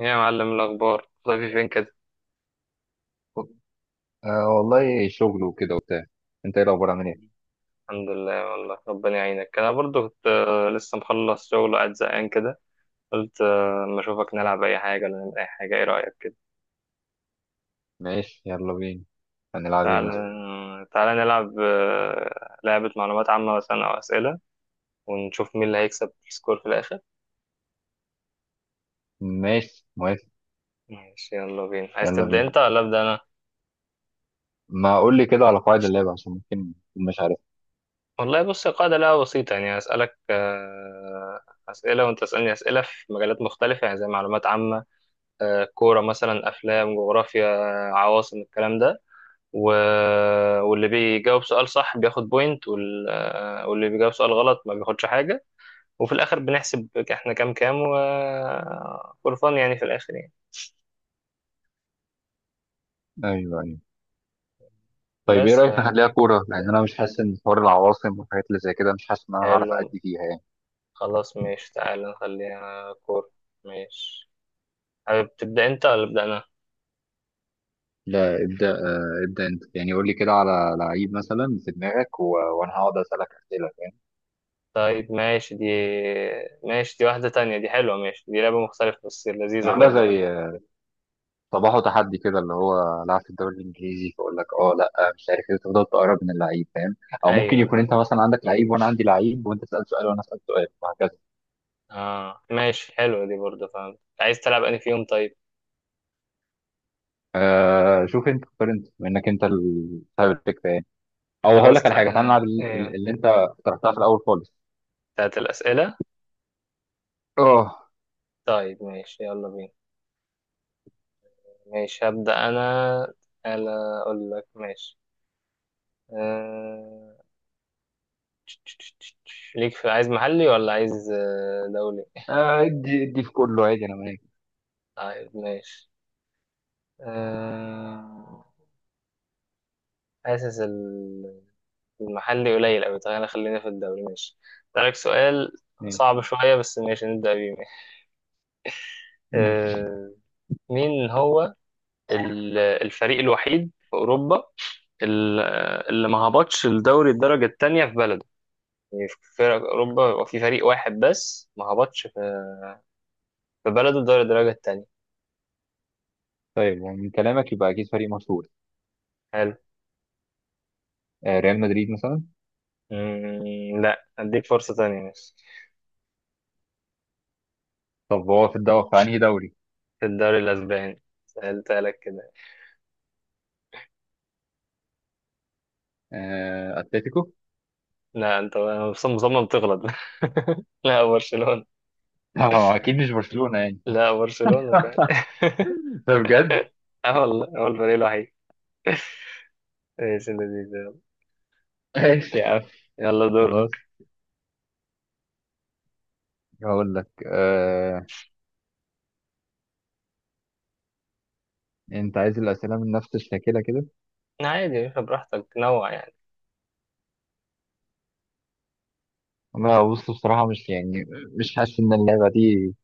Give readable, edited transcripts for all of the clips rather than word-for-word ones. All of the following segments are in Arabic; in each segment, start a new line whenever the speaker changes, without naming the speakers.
إيه يا معلم الأخبار طيب فين كده؟
آه والله شغل وكده وبتاع. انت ايه الاخبار، عامل ايه؟
الحمد لله والله ربنا يعينك. أنا برضو كنت لسه مخلص شغل وقاعد زهقان كده. قلت أما أشوفك نلعب أي حاجة ولا نعمل أي حاجة. إيه رأيك كده؟
ماشي يلا بينا. هنلعب ايه
تعال
مثلا؟
آه، تعال نلعب لعبة معلومات عامة مثلا أو أسئلة، ونشوف مين اللي هيكسب السكور في الآخر.
ماشي موافق.
ماشي يلا بينا. عايز
يلا
تبدأ
بينا.
أنت ولا أبدأ أنا؟
ما اقول لي كده على قواعد اللعبه عشان ممكن أكون مش عارف.
والله بص، القاعدة لعبة بسيطة يعني. هسألك أسئلة وأنت تسألني أسئلة في مجالات مختلفة، يعني زي معلومات عامة، كورة مثلا، أفلام، جغرافيا، عواصم، الكلام ده و... واللي بيجاوب سؤال صح بياخد بوينت، واللي بيجاوب سؤال غلط ما بياخدش حاجة. وفي الآخر بنحسب احنا كام كام فور فن يعني، في الآخر يعني.
ايوه ايوه. طيب ايه
بس
رايك نخليها كوره، لان انا مش حاسس ان حوار العواصم والحاجات اللي زي كده، مش حاسس ان انا هعرف
حلو.
ادي فيها يعني.
خلاص ماشي، تعالى نخليها كورة. ماشي. حابب تبدأ أنت ولا أبدأ أنا؟
لا ابدا، ابدا انت يعني. قول لي كده على لعيب مثلا في دماغك وانا هقعد اسالك اسئله، فاهم يعني.
طيب ماشي دي. ماشي دي واحدة تانية، دي حلوة. ماشي دي لعبة مختلفة بس لذيذة
عامله
برضه.
زي صباحه تحدي كده، اللي هو لعب في الدوري الانجليزي، فاقول لك اه لا مش عارف ايه، تفضل تقرب من اللعيب، فاهم. او ممكن
أيوه
يكون
أيوه.
انت مثلا عندك لعيب وانا عندي لعيب، وانت تسال سؤال وانا اسال سؤال وهكذا.
اه ماشي، حلوة دي برضه، فاهم. عايز تلعب انهي فيهم طيب؟
شوف انت اختار، انت منك، انت صاحب الفكره يعني. او هقول
خلاص
لك على حاجه، تعالى نلعب
ايه،
اللي انت اقترحتها في الاول خالص.
بتاعت الأسئلة.
اه.
طيب ماشي يلا بينا. ماشي هبدأ أنا. أنا أقول لك ماشي. آه... ليك في، عايز محلي ولا عايز دولي؟
ادي ادي في كله عادي، انا معاك.
طيب ماشي. آه... حاسس ال- المحلي قليل أوي. طيب أنا خلينا في الدولي ماشي. أسألك سؤال
ماشي.
صعب شوية بس ماشي، نبدأ بيه ماشي.
ماشي.
آه... مين هو الفريق الوحيد في أوروبا ال- اللي ما هبطش الدوري الدرجة التانية في بلده؟ يعني في فرق أوروبا، يبقى في فريق واحد بس ما هبطش في بلده الدوري الدرجة التانية.
طيب ومن كلامك يبقى اكيد فريق مشهور.
حلو.
آه ريال مدريد مثلا.
لا، أديك فرصة تانية بس.
طب هو في الدوري، في انهي دوري؟
في الدوري الأسباني. سألتها لك كده.
آه اتلتيكو؟
لا، أنت مصمم مصمم تغلط. لا، برشلونة.
لا، هو اكيد مش برشلونه يعني.
لا، برشلونة فعلا.
ده بجد.
اه والله، هو الفريق الوحيد. ايش اللذيذ ده؟
ماشي يا عم
يلا دور.
خلاص. هقول لك انت عايز الاسئله من نفس الشاكله كده.
عادي يا باشا، براحتك نوع يعني.
انا بص بصراحه مش يعني، مش حاسس ان اللعبه دي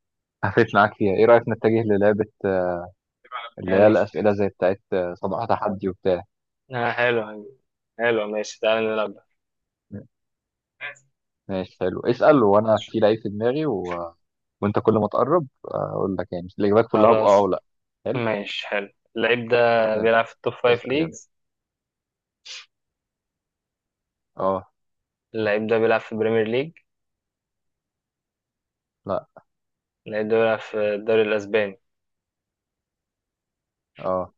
هفت معاك فيها. ايه رايك نتجه للعبه اللي هي
يعني
الاسئله زي بتاعت صباح تحدي وبتاع.
حلو. حلو ماشي، تعالى نلعب ده.
ماشي حلو. اسال وانا في لعيب في دماغي، وانت كل ما تقرب اقول لك يعني الاجابات كلها باه
خلاص
او لا. حلو.
ماشي حلو. اللعيب ده
حلو.
بيلعب في التوب فايف
اسال يلا.
ليجز.
اه.
اللعيب ده بيلعب في البريمير ليج.
لا.
اللعيب ده بيلعب في الدوري الأسباني.
اه.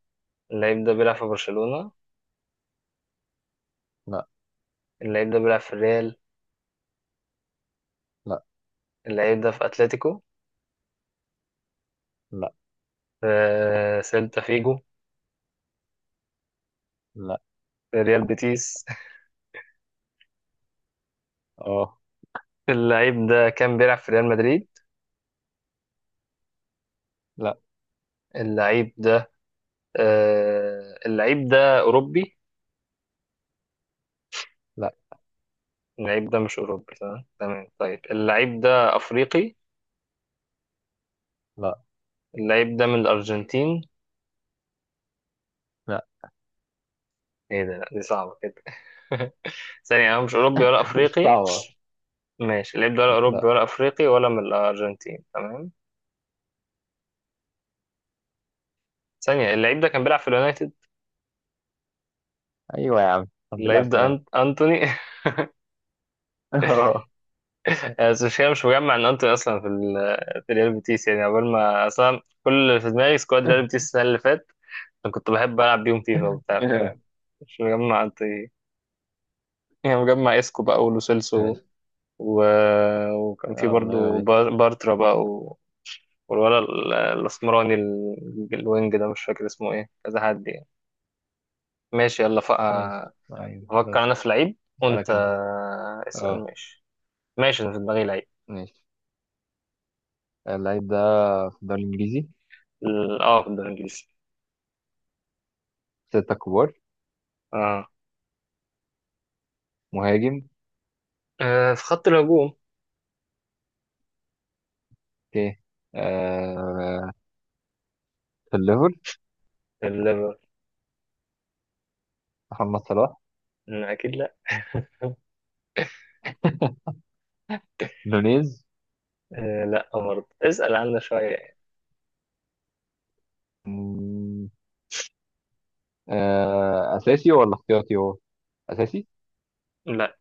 اللعيب ده بيلعب في برشلونة.
لا.
اللعيب ده بيلعب في الريال.
لا.
اللعيب ده في أتلتيكو.
لا.
في سيلتا فيجو.
لا.
في ريال بيتيس.
اه.
اللعيب ده كان بيلعب في ريال مدريد.
لا.
اللعيب ده، اللعيب ده أوروبي؟
لا.
اللعيب ده مش أوروبي تمام تمام. طيب اللعيب ده أفريقي؟
لا.
اللعيب ده من الأرجنتين؟
لا.
ايه ده، لا دي صعبة كده. ثانية، انا مش اوروبي ولا
مش
افريقي.
صعبه اصلا.
ماشي، اللعيب ده ولا اوروبي
لا.
ولا افريقي ولا من الارجنتين تمام. ثانية، اللعيب ده كان بيلعب في اليونايتد؟
ايوه يا عم الحمد لله على
اللعيب ده
السلامه.
أنت... انتوني.
اه.
بس مش مجمع ان انتوني اصلا في ريال بيتيس يعني. عقبال ما اصلا كل اللي في دماغي سكواد ريال بيتيس السنة اللي فاتت. انا كنت بحب العب بيهم فيفا وبتاع. مش مجمع انتوني. يعني مجمع اسكو بقى ولوسيلسو
ماشي.
و... وكان في
اه والله هو
برضو
دي.
بارترا بقى. والولا ال- الاسمراني الوينج ده مش فاكر اسمه ايه، كذا حد يعني. ماشي يلا
ماشي. ايوه بس.
افكر انا في لعيب
اسالك
وانت
انا. اه.
اسأل ماشي. ماشي انا في دماغي لعيب.
ماشي. اللعيب ده في الدوري الانجليزي.
اه في الدوري الانجليزي.
ستة كبار.
اه.
مهاجم.
في خط الهجوم.
اوكي. آه في الليفر.
الليفر.
محمد صلاح.
اكيد لا.
نونيز.
لا، برضه اسأل عنا شوية يعني.
مم، آه اساسي ولا احتياطي هو؟ اساسي.
لا،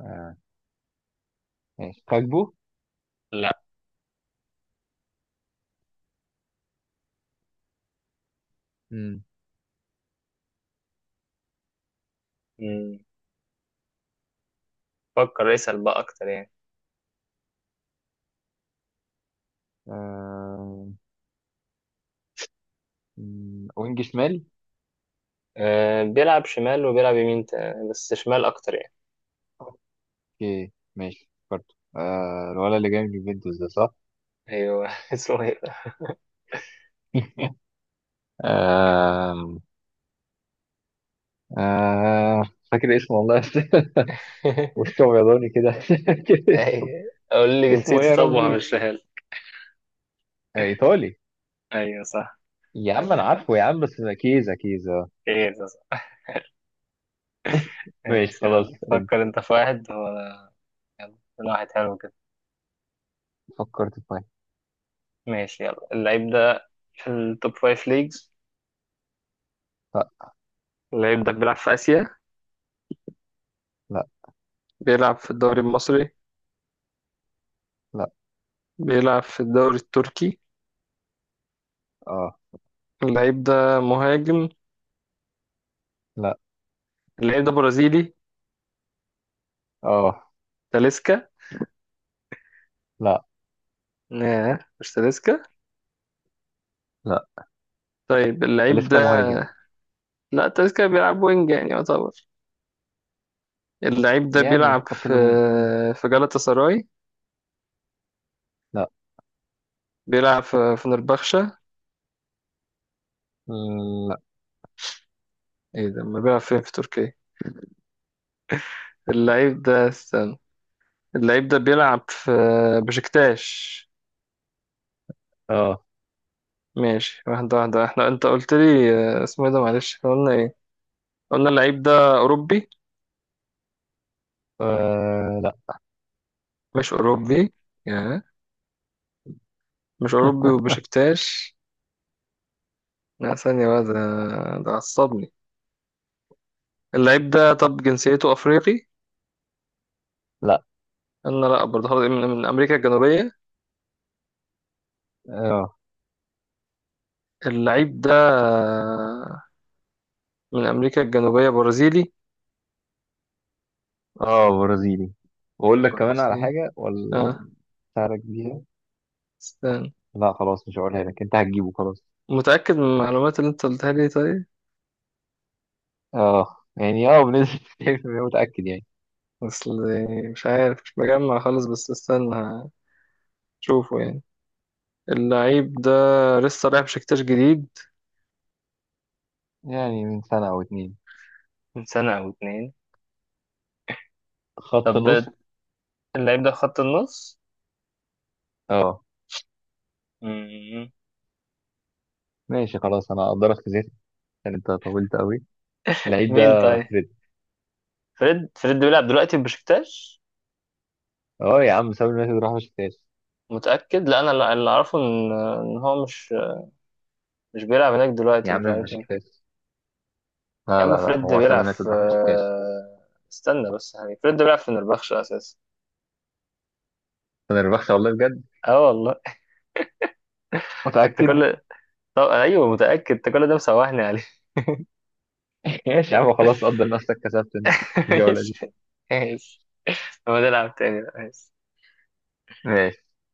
آه. ماشي كاجبو.
لا.
مم،
مم. فكر اسأل بقى أكتر يعني.
آه وينج شمال.
بيلعب شمال وبيلعب يمين بس شمال أكتر يعني.
اوكي ماشي فكرت. آه الولد اللي جاي من اليوفنتوس ده، صح؟
أيوه. اسمه إيه ده؟
آم، آه فاكر اسمه والله بس. وشه بيضاني كده. فاكر اسمه.
أيوة. قول لي
اسمه ايه
جنسيته
يا
طب
ربي؟
وهمشيها.
آه، ايطالي.
ايوه صح.
يا عم انا عارفه يا عم، بس ده كيزا كيزا.
خير ده صح.
ماشي
ماشي
خلاص
يلا
انت.
فكر انت في واحد هو. يلا من واحد حلو كده.
فكرت في واحد.
ماشي يلا، اللعيب ده في التوب فايف ليجز.
لا.
اللعيب ده بيلعب في آسيا.
لا.
بيلعب في الدوري المصري.
لا.
بيلعب في الدوري التركي.
اه.
اللعيب ده مهاجم.
لا.
اللعيب ده برازيلي.
اه.
تاليسكا.
لا.
لا مش تاليسكا.
لا.
طيب اللعيب
لسه
ده،
مهاجم.
لا تاليسكا بيلعب وينج يعني يعتبر. اللعيب ده
يعني
بيلعب
خط
في
الهجوم.
في جالاتا سراي.
لا.
بيلعب في فنربخشة.
لا.
ايه ده، ما بيلعب فين في تركيا؟ اللعيب ده، استنى. اللعيب ده بيلعب في بشكتاش.
اه.
ماشي، واحدة واحدة. احنا انت قلت لي اسمه ايه ده، معلش. احنا قلنا ايه؟ قلنا اللعيب ده اوروبي.
آه، لا.
مش اوروبي. يا مش اوروبي وبشكتاش. لا ثانية بقى، ده ده عصبني. اللعيب ده، طب جنسيته افريقي؟
لا.
انا لا برضه. خلاص من امريكا الجنوبية.
اه.
اللعيب ده من امريكا الجنوبية برازيلي.
اه برازيلي. بقول لك كمان على
برازيلي.
حاجة ولا
اه.
ساعدك بيها؟
استنى.
لا خلاص مش هقولها لك، انت هتجيبه خلاص.
متأكد من المعلومات اللي انت قلتها لي طيب؟
اه يعني اه بنسبة 90% متأكد يعني.
اصل مش عارف، مش مجمع خالص، بس استنى هشوفه يعني. اللعيب ده لسه رايح بشكتاش جديد.
يعني من سنة أو اتنين.
من سنة أو اتنين.
خط
طب
نص.
اللعيب ده خط النص.
اه.
مم.
ماشي خلاص أنا أقدرك في زيت عشان أنت طولت أوي. اللعيب
مين
ده
طيب؟
فريد.
فريد؟ فريد بيلعب دلوقتي في بشكتاش؟
اه يا عم، سامي اليونايتد راح بشكتاش.
متأكد؟ لا أنا اللي أعرفه إن هو مش بيلعب هناك
يا
دلوقتي،
عم
مش
في
عارف مين.
بشكتاش.
يا
لا لا
عم
لا،
فريد ده
هو سامي
بيلعب
اليونايتد
في،
راح بشكتاش.
استنى بس يعني فريد ده بيلعب في نربخش أساسا.
أنا ربحت والله بجد.
اه والله. انت
متأكد.
كل، طب ايوه متأكد؟ انت كل ده مسوحني عليه.
ماشي يا عم خلاص قدر نفسك، كسبت أنت الجولة دي.
ماشي. ماشي هو نلعب تاني بقى. ماشي.
ماشي.